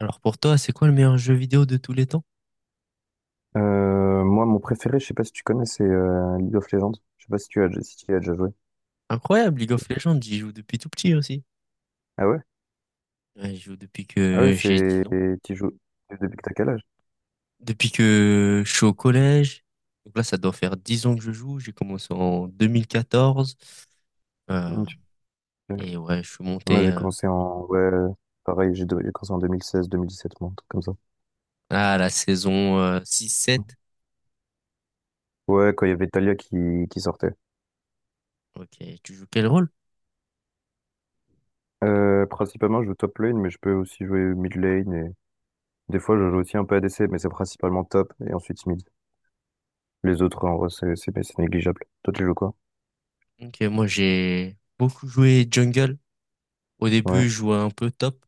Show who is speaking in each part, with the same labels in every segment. Speaker 1: Alors pour toi, c'est quoi le meilleur jeu vidéo de tous les temps?
Speaker 2: Moi, mon préféré, je sais pas si tu connais, c'est League of Legends. Je sais pas si si tu y as déjà joué.
Speaker 1: Incroyable, League of Legends, j'y joue depuis tout petit aussi.
Speaker 2: Ah ouais?
Speaker 1: Ouais, j'y joue depuis
Speaker 2: Ah ouais,
Speaker 1: que j'ai 10 ans.
Speaker 2: tu joues depuis que t'as quel âge?
Speaker 1: Depuis que je suis au collège. Donc là, ça doit faire 10 ans que je joue. J'ai commencé en 2014. Euh,
Speaker 2: Hum, tu-
Speaker 1: et ouais, je suis
Speaker 2: Moi,
Speaker 1: monté
Speaker 2: j'ai commencé en, ouais, pareil, j'ai commencé en 2016, 2017, moi, un truc comme ça.
Speaker 1: à la saison
Speaker 2: Hum.
Speaker 1: 6-7.
Speaker 2: Ouais, quand il y avait Talia qui sortait.
Speaker 1: Ok, tu joues quel rôle?
Speaker 2: Principalement, je joue top lane, mais je peux aussi jouer mid lane et des fois, je joue aussi un peu ADC, mais c'est principalement top et ensuite mid. Les autres, en vrai, c'est négligeable. Toi, tu joues quoi?
Speaker 1: Ok, moi j'ai beaucoup joué jungle. Au
Speaker 2: Ouais,
Speaker 1: début, je jouais un peu top,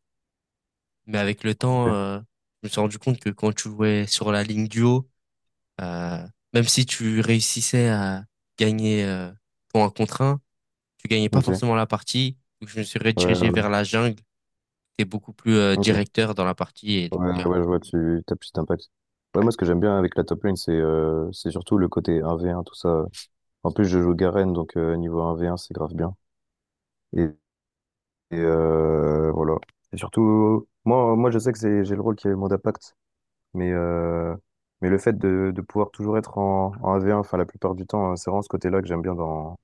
Speaker 1: mais avec le temps,
Speaker 2: ok.
Speaker 1: je me suis rendu compte que quand tu jouais sur la ligne duo, Euh, même si tu réussissais à gagner ton 1 contre 1, tu gagnais pas
Speaker 2: Ok.
Speaker 1: forcément la partie. Donc je me suis
Speaker 2: Ouais,
Speaker 1: redirigé
Speaker 2: ouais,
Speaker 1: vers la jungle. T'es beaucoup plus
Speaker 2: ok.
Speaker 1: directeur dans la partie. Et, donc,
Speaker 2: Ouais, ouais, je vois, tu tapes juste impact. Ouais,
Speaker 1: ouais,
Speaker 2: moi, ce que j'aime bien avec la top lane, c'est surtout le côté 1v1, tout ça. En plus, je joue Garen, donc niveau 1v1, c'est grave bien. Et, voilà. Et surtout, moi, je sais que c'est, j'ai le rôle qui est le mode impact, mais, euh, mais le fait de pouvoir toujours être en 1v1, enfin, la plupart du temps, hein, c'est vraiment ce côté-là que j'aime bien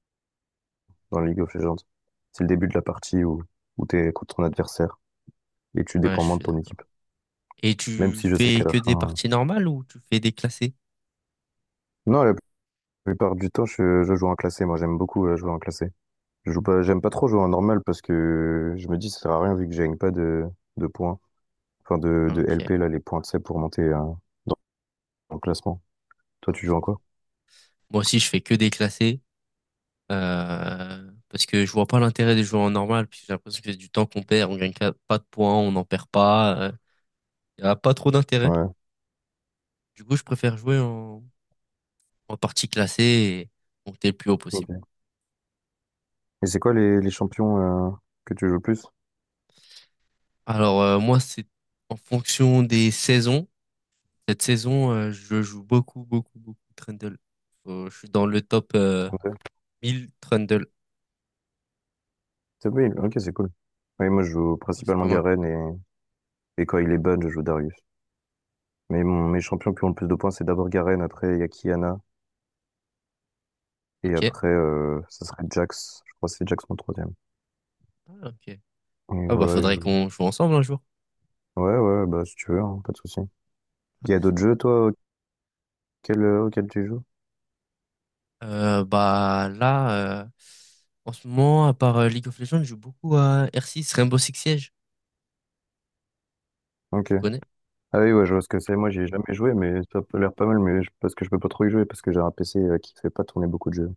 Speaker 2: dans League of Legends. C'est le début de la partie où t'es contre ton adversaire et tu
Speaker 1: ouais,
Speaker 2: dépends
Speaker 1: je
Speaker 2: moins de
Speaker 1: suis
Speaker 2: ton équipe.
Speaker 1: d'accord. Et
Speaker 2: Même
Speaker 1: tu
Speaker 2: si je sais
Speaker 1: fais
Speaker 2: qu'à la
Speaker 1: que des
Speaker 2: fin.
Speaker 1: parties normales ou tu fais des classés?
Speaker 2: Non, la plupart du temps, je joue en classé. Moi, j'aime beaucoup jouer en classé. Je joue pas, j'aime pas trop jouer en normal parce que je me dis ça sert à rien vu que je gagne pas de points, enfin
Speaker 1: Ah,
Speaker 2: de
Speaker 1: ok,
Speaker 2: LP là, les points, de sais, pour monter dans le classement. Toi,
Speaker 1: ouais,
Speaker 2: tu
Speaker 1: je
Speaker 2: joues en quoi?
Speaker 1: comprends. Moi aussi, je fais que des classés, parce que je vois pas l'intérêt de jouer en normal, puisque j'ai l'impression que c'est du temps qu'on perd, on gagne pas de points, on n'en perd pas, il y a pas trop d'intérêt.
Speaker 2: Ouais.
Speaker 1: Du coup, je préfère jouer en partie classé et monter le plus haut possible.
Speaker 2: Ok. Et c'est quoi les champions que tu joues le plus?
Speaker 1: Alors moi, c'est en fonction des saisons. Cette saison, je joue beaucoup, beaucoup, beaucoup Trundle. Je suis dans le top
Speaker 2: Top Hill.
Speaker 1: 1000 Trundle.
Speaker 2: Top Hill, ok, c'est cool. Oui, moi, je joue
Speaker 1: Ouais, c'est
Speaker 2: principalement
Speaker 1: pas mal.
Speaker 2: Et quand il est ban, je joue Darius. Mais mes champions qui ont le plus de points, c'est d'abord Garen, après il y a Kiana, et
Speaker 1: Ok.
Speaker 2: après ça serait Jax. Je crois que c'est Jax mon troisième.
Speaker 1: Ah, ok.
Speaker 2: Et
Speaker 1: Ah bah
Speaker 2: voilà, je
Speaker 1: faudrait
Speaker 2: joue.
Speaker 1: qu'on joue ensemble un jour.
Speaker 2: Ouais, ouais, bah si tu veux, hein, pas de souci. Il y a d'autres jeux, toi, auxquels tu joues?
Speaker 1: Bah là, en ce moment, à part League of Legends, je joue beaucoup à R6, Rainbow Six Siege.
Speaker 2: Ok.
Speaker 1: Tu connais?
Speaker 2: Ah oui, ouais, je vois ce que c'est. Moi, j'y ai jamais joué, mais ça a l'air pas mal, parce que je peux pas trop y jouer, parce que j'ai un PC qui fait pas tourner beaucoup de jeux.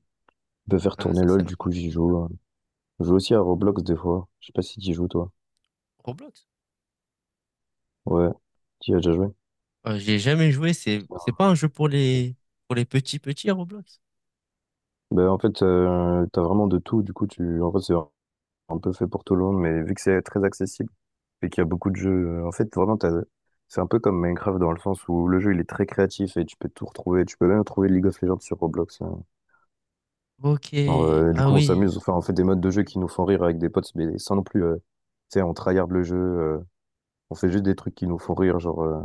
Speaker 2: Je peux faire
Speaker 1: Ah
Speaker 2: tourner
Speaker 1: ça
Speaker 2: LOL,
Speaker 1: c'est
Speaker 2: du coup, j'y
Speaker 1: l'inconvénient.
Speaker 2: joue, hein. Je joue aussi à Roblox des fois. Je sais pas si t'y joues, toi.
Speaker 1: Roblox?
Speaker 2: Ouais. Tu y as déjà joué?
Speaker 1: J'ai jamais joué. C'est
Speaker 2: Non,
Speaker 1: c'est pas un jeu pour
Speaker 2: ok.
Speaker 1: les petits petits Roblox.
Speaker 2: Ben, en fait, t'as vraiment de tout, du coup, en fait, c'est un peu fait pour tout le monde, mais vu que c'est très accessible et qu'il y a beaucoup de jeux, en fait, vraiment, c'est un peu comme Minecraft dans le sens où le jeu, il est très créatif et tu peux tout retrouver. Tu peux même trouver League of Legends sur Roblox, hein.
Speaker 1: Ok,
Speaker 2: Du
Speaker 1: ah
Speaker 2: coup, on
Speaker 1: oui,
Speaker 2: s'amuse, enfin, on fait des modes de jeu qui nous font rire avec des potes, mais sans non plus, tu sais, on tryhard le jeu, on fait juste des trucs qui nous font rire.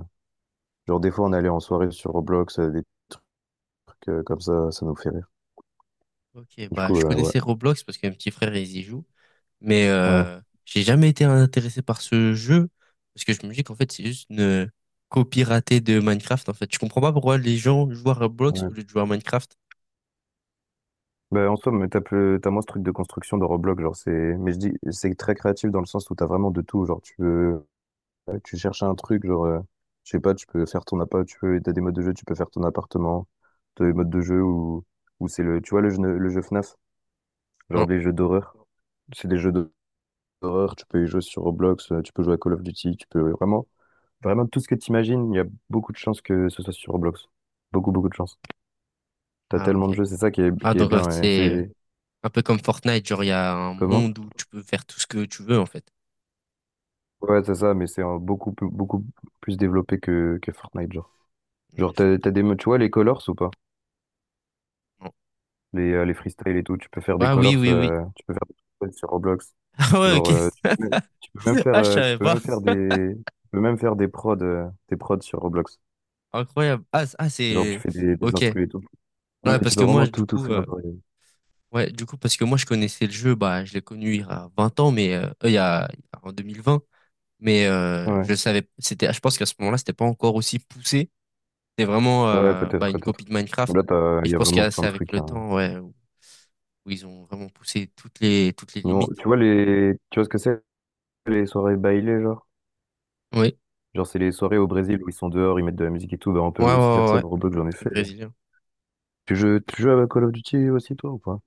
Speaker 2: Genre des fois, on allait en soirée sur Roblox, des trucs comme ça nous fait rire.
Speaker 1: ok,
Speaker 2: Du
Speaker 1: bah
Speaker 2: coup,
Speaker 1: je
Speaker 2: ouais.
Speaker 1: connaissais Roblox parce que mon petit frère il y joue, mais
Speaker 2: Ouais,
Speaker 1: j'ai jamais été intéressé par ce jeu parce que je me dis qu'en fait c'est juste une copie ratée de Minecraft en fait. Je comprends pas pourquoi les gens jouent à Roblox
Speaker 2: ouais.
Speaker 1: au lieu de jouer à Minecraft.
Speaker 2: Bah, en soi, mais t'as moins ce truc de construction de Roblox, mais je dis, c'est très créatif dans le sens où t'as vraiment de tout, genre tu veux, tu cherches un truc, je sais pas, tu peux faire ton appart, t'as des modes de jeu, tu peux faire ton appartement, t'as des modes de jeu où c'est le, tu vois le jeu FNAF, genre
Speaker 1: Non.
Speaker 2: des jeux d'horreur, c'est des jeux d'horreur, tu peux y jouer sur Roblox, tu peux jouer à Call of Duty, tu peux vraiment, vraiment tout ce que t'imagines, il y a beaucoup de chances que ce soit sur Roblox, beaucoup de chances. T'as
Speaker 1: Ah
Speaker 2: tellement
Speaker 1: ok.
Speaker 2: de jeux, c'est ça
Speaker 1: Ah
Speaker 2: qui est
Speaker 1: donc en fait,
Speaker 2: bien, et
Speaker 1: c'est
Speaker 2: c'est
Speaker 1: un peu comme Fortnite, genre il y a un
Speaker 2: comment?
Speaker 1: monde où tu peux faire tout ce que tu veux en fait.
Speaker 2: Ouais, c'est ça, mais c'est beaucoup plus développé que Fortnite, genre.
Speaker 1: Ouais,
Speaker 2: Genre, t'as des modes, tu vois, les colors ou pas?
Speaker 1: non.
Speaker 2: Les freestyles et tout, tu peux faire des
Speaker 1: Ouais, oui,
Speaker 2: colors,
Speaker 1: oui, oui.
Speaker 2: tu peux faire des freestyles sur Roblox.
Speaker 1: Ah ouais,
Speaker 2: Genre,
Speaker 1: ok.
Speaker 2: euh, tu peux même, Tu peux même faire,
Speaker 1: Ah je savais pas.
Speaker 2: tu peux même faire des prods sur Roblox.
Speaker 1: Incroyable. Ah, ah
Speaker 2: Genre, tu
Speaker 1: c'est...
Speaker 2: fais des
Speaker 1: Ok.
Speaker 2: instrus et tout. Non,
Speaker 1: Ouais,
Speaker 2: mais
Speaker 1: parce
Speaker 2: tu peux
Speaker 1: que moi,
Speaker 2: vraiment tout faire,
Speaker 1: ouais, du coup, parce que moi, je connaissais le jeu, bah, je l'ai connu il y a 20 ans, mais en 2020, mais
Speaker 2: ouais,
Speaker 1: je savais, c'était, je pense qu'à ce moment-là, c'était pas encore aussi poussé. C'était vraiment
Speaker 2: ouais,
Speaker 1: bah,
Speaker 2: peut-être,
Speaker 1: une
Speaker 2: peut-être.
Speaker 1: copie de Minecraft, et
Speaker 2: Il
Speaker 1: je
Speaker 2: y a
Speaker 1: pense
Speaker 2: vraiment
Speaker 1: que
Speaker 2: plein
Speaker 1: c'est
Speaker 2: de
Speaker 1: avec
Speaker 2: trucs,
Speaker 1: le
Speaker 2: hein.
Speaker 1: temps, ouais, où ils ont vraiment poussé toutes les
Speaker 2: Tu
Speaker 1: limites.
Speaker 2: vois tu vois ce que c'est, les soirées bailées, genre?
Speaker 1: Oui,
Speaker 2: Genre, c'est les soirées au Brésil où ils sont dehors, ils mettent de la musique et tout. Bah, on peut
Speaker 1: ouais, ouais,
Speaker 2: aussi faire
Speaker 1: ouais,
Speaker 2: ça
Speaker 1: ouais.
Speaker 2: dans Roblox, j'en ai
Speaker 1: Truc
Speaker 2: fait.
Speaker 1: brésilien.
Speaker 2: Tu joues à Call of Duty aussi, toi, ou pas?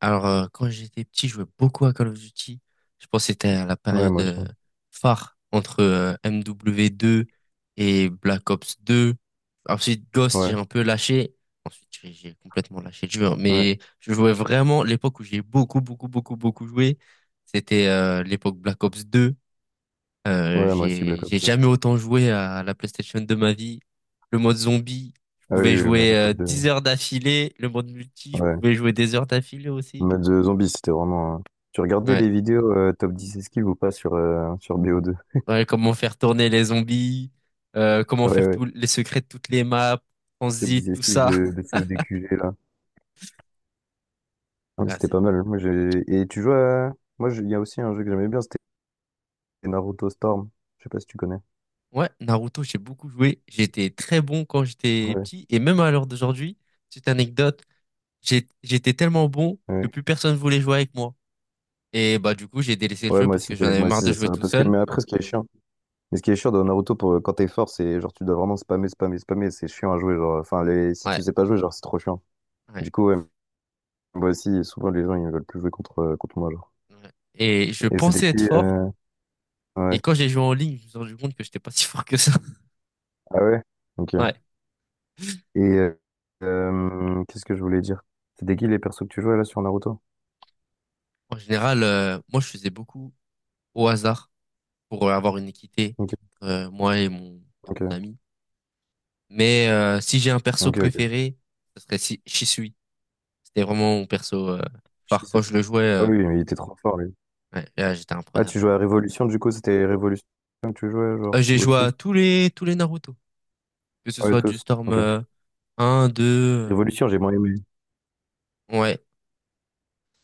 Speaker 1: Alors, quand j'étais petit, je jouais beaucoup à Call of Duty. Je pense que c'était à la
Speaker 2: Ouais,
Speaker 1: période
Speaker 2: moi aussi.
Speaker 1: phare entre MW2 et Black Ops 2. Ensuite, Ghost, j'ai
Speaker 2: Ouais,
Speaker 1: un peu lâché. Ensuite, j'ai complètement lâché le jeu. Hein.
Speaker 2: ouais.
Speaker 1: Mais je jouais vraiment l'époque où j'ai beaucoup, beaucoup, beaucoup, beaucoup joué. C'était l'époque Black Ops 2. Euh,
Speaker 2: Ouais, moi aussi,
Speaker 1: j'ai
Speaker 2: Black
Speaker 1: j'ai
Speaker 2: Ops deux.
Speaker 1: jamais autant joué à la PlayStation de ma vie. Le mode zombie, je
Speaker 2: Ah oui,
Speaker 1: pouvais
Speaker 2: oui,
Speaker 1: jouer
Speaker 2: Black Ops
Speaker 1: 10
Speaker 2: deux.
Speaker 1: heures d'affilée. Le mode multi, je
Speaker 2: Ouais.
Speaker 1: pouvais jouer des heures d'affilée
Speaker 2: En
Speaker 1: aussi.
Speaker 2: Mode de zombie, c'était Tu regardais
Speaker 1: Ouais.
Speaker 2: les vidéos top 10 esquives ou pas sur bo deux.
Speaker 1: Ouais, comment faire tourner les zombies, comment
Speaker 2: Ah ouais,
Speaker 1: faire
Speaker 2: ouais.
Speaker 1: tous les secrets de toutes les maps,
Speaker 2: Top
Speaker 1: transit,
Speaker 2: 10
Speaker 1: tout
Speaker 2: esquives
Speaker 1: ça.
Speaker 2: de CODQG, là. Ouais,
Speaker 1: Ah,
Speaker 2: c'était pas mal. Moi, j'ai... Et tu joues à. Il y a aussi un jeu que j'aimais bien, c'était Naruto Storm. Je sais pas si tu connais.
Speaker 1: ouais, Naruto, j'ai beaucoup joué. J'étais très bon quand j'étais
Speaker 2: Ouais,
Speaker 1: petit et même à l'heure d'aujourd'hui, petite anecdote, j'étais tellement bon que
Speaker 2: ouais.
Speaker 1: plus personne voulait jouer avec moi. Et bah du coup, j'ai délaissé le jeu parce que j'en avais
Speaker 2: Moi
Speaker 1: marre
Speaker 2: aussi,
Speaker 1: de
Speaker 2: c'est
Speaker 1: jouer
Speaker 2: ça.
Speaker 1: tout
Speaker 2: Parce que,
Speaker 1: seul.
Speaker 2: mais après, ce qui est chiant. Mais ce qui est chiant dans Naruto, pour, quand t'es fort, c'est genre tu dois vraiment spammer. C'est chiant à jouer. Si tu
Speaker 1: Ouais,
Speaker 2: sais pas jouer, genre c'est trop chiant.
Speaker 1: ouais,
Speaker 2: Du coup, ouais, moi aussi, souvent les gens ils veulent plus jouer contre moi. Genre.
Speaker 1: ouais. Et je
Speaker 2: Et c'était
Speaker 1: pensais
Speaker 2: qui
Speaker 1: être fort et
Speaker 2: ouais.
Speaker 1: quand j'ai joué en ligne, je me suis rendu compte que j'étais pas si fort que ça.
Speaker 2: Ah ouais? Ok.
Speaker 1: Ouais.
Speaker 2: Et euh, Qu'est-ce que je voulais dire? C'était qui les persos que tu jouais là sur Naruto?
Speaker 1: En général, moi je faisais beaucoup au hasard, pour avoir une équité,
Speaker 2: Ok,
Speaker 1: moi et mon
Speaker 2: ok,
Speaker 1: ami. Mais si j'ai un perso
Speaker 2: ok.
Speaker 1: préféré, ce serait si Shisui. C'était vraiment mon perso phare
Speaker 2: Shizu.
Speaker 1: quand je le jouais.
Speaker 2: Ah oui, mais il était trop fort lui.
Speaker 1: Ouais, là, j'étais
Speaker 2: Ah, tu
Speaker 1: imprenable.
Speaker 2: jouais à Révolution, du coup, c'était Révolution que tu jouais, genre,
Speaker 1: J'ai
Speaker 2: ou
Speaker 1: joué
Speaker 2: au-dessus?
Speaker 1: à tous les Naruto, que ce
Speaker 2: Ah ouais,
Speaker 1: soit du
Speaker 2: tous.
Speaker 1: Storm
Speaker 2: Ok.
Speaker 1: 1, 2.
Speaker 2: Révolution, j'ai moins aimé.
Speaker 1: Ouais,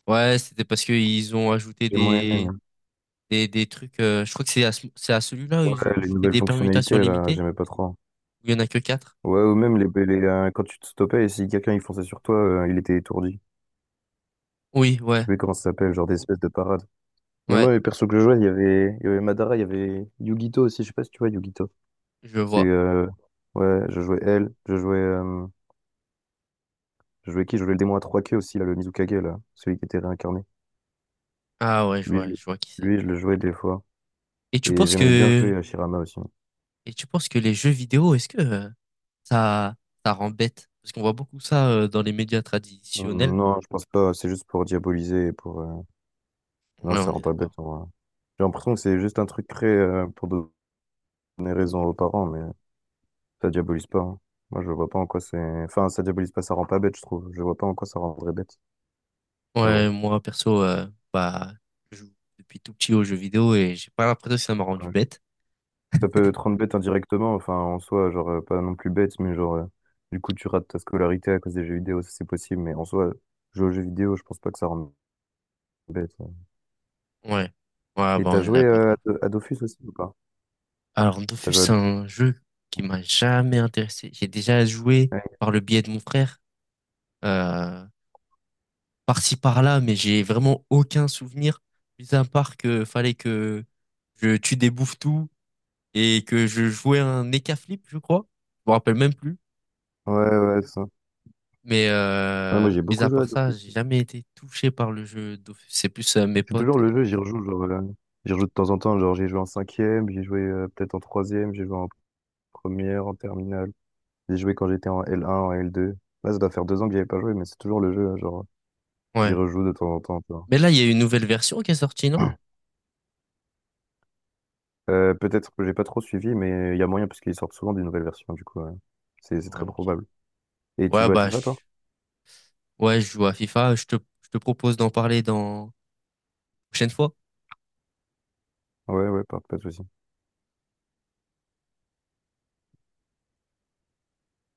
Speaker 1: ouais, c'était parce que ils ont ajouté
Speaker 2: J'ai moins
Speaker 1: des
Speaker 2: aimé.
Speaker 1: des trucs. Je crois que c'est à celui-là où
Speaker 2: Ouais,
Speaker 1: ils ont
Speaker 2: les
Speaker 1: rajouté
Speaker 2: nouvelles
Speaker 1: des permutations
Speaker 2: fonctionnalités, là,
Speaker 1: limitées
Speaker 2: j'aimais pas trop.
Speaker 1: où il y en a que quatre.
Speaker 2: Ouais, ou même quand tu te stoppais et si quelqu'un il fonçait sur toi, il était étourdi.
Speaker 1: Oui,
Speaker 2: Je
Speaker 1: ouais,
Speaker 2: sais plus comment ça s'appelle, genre des espèces de parades. Mais
Speaker 1: ouais,
Speaker 2: moi, les persos que je jouais, il y avait Madara, il y avait Yugito aussi, je sais pas si tu vois Yugito.
Speaker 1: je
Speaker 2: C'est,
Speaker 1: vois.
Speaker 2: euh, ouais, je jouais elle, je jouais qui? Je jouais le démon à trois queues aussi, là, le Mizukage, là, celui qui était réincarné.
Speaker 1: Ah ouais,
Speaker 2: Lui, je, le-
Speaker 1: je vois qui c'est.
Speaker 2: Lui, je le jouais des fois.
Speaker 1: Et tu
Speaker 2: Et
Speaker 1: penses
Speaker 2: j'aimais bien
Speaker 1: que,
Speaker 2: jouer à Shirama aussi.
Speaker 1: et tu penses que les jeux vidéo, est-ce que ça, ça rend bête? Parce qu'on voit beaucoup ça dans les médias traditionnels.
Speaker 2: Non, je pense pas, c'est juste pour diaboliser Non,
Speaker 1: Ouais,
Speaker 2: ça
Speaker 1: on est
Speaker 2: rend pas bête,
Speaker 1: d'accord.
Speaker 2: en vrai. J'ai l'impression que c'est juste un truc créé pour donner raison aux parents, mais ça diabolise pas, hein. Moi, je vois pas en quoi c'est... Enfin, ça diabolise pas, ça rend pas bête, je trouve. Je vois pas en quoi ça rendrait bête. Mais
Speaker 1: Ouais,
Speaker 2: bon,
Speaker 1: moi, perso, bah, je joue depuis tout petit aux jeux vidéo et j'ai pas l'impression que ça m'a rendu
Speaker 2: ouais.
Speaker 1: bête.
Speaker 2: Ça peut te rendre bête indirectement, enfin, en soi, pas non plus bête, mais du coup, tu rates ta scolarité à cause des jeux vidéo, ça c'est possible, mais en soi, jouer aux jeux vidéo, je pense pas que ça rende bête, ouais.
Speaker 1: Ouais. Ouais, bah,
Speaker 2: Et t'as
Speaker 1: on est
Speaker 2: joué
Speaker 1: d'accord.
Speaker 2: à Dofus aussi ou pas?
Speaker 1: Alors,
Speaker 2: T'as
Speaker 1: Dofus,
Speaker 2: joué à
Speaker 1: c'est
Speaker 2: Dofus?
Speaker 1: un jeu qui
Speaker 2: Hein.
Speaker 1: m'a jamais intéressé. J'ai déjà joué
Speaker 2: Ouais,
Speaker 1: par le biais de mon frère, euh, par-ci, par-là, mais j'ai vraiment aucun souvenir, mis à part que fallait que je tue des bouffetous et que je jouais un flip, je crois. Je me rappelle même plus.
Speaker 2: ouais, ouais, ça.
Speaker 1: Mais,
Speaker 2: Ouais, moi, j'ai
Speaker 1: mis
Speaker 2: beaucoup
Speaker 1: à
Speaker 2: joué à
Speaker 1: part ça,
Speaker 2: Dofus,
Speaker 1: j'ai
Speaker 2: hein.
Speaker 1: jamais été touché par le jeu d'office. C'est plus mes
Speaker 2: C'est toujours
Speaker 1: potes.
Speaker 2: le jeu, j'y rejoue de temps en temps, genre j'ai joué en cinquième, j'ai joué peut-être en troisième, j'ai joué en première, en terminale, j'ai joué quand j'étais en L1, en L2. Là, ça doit faire deux ans que j'y avais pas joué, mais c'est toujours le jeu, hein, genre j'y
Speaker 1: Ouais.
Speaker 2: rejoue de temps en temps, tu vois.
Speaker 1: Mais là, il y a une nouvelle version qui est sortie, non?
Speaker 2: Peut-être que j'ai pas trop suivi, mais il y a moyen parce qu'ils sortent souvent des nouvelles versions, du coup, c'est
Speaker 1: Ouais,
Speaker 2: très
Speaker 1: ok.
Speaker 2: probable. Et tu
Speaker 1: Ouais,
Speaker 2: joues à
Speaker 1: bah,
Speaker 2: FIFA, toi?
Speaker 1: ouais, je joue à FIFA. Je te propose d'en parler dans prochaine fois.
Speaker 2: Ouais, ouais, pas de souci.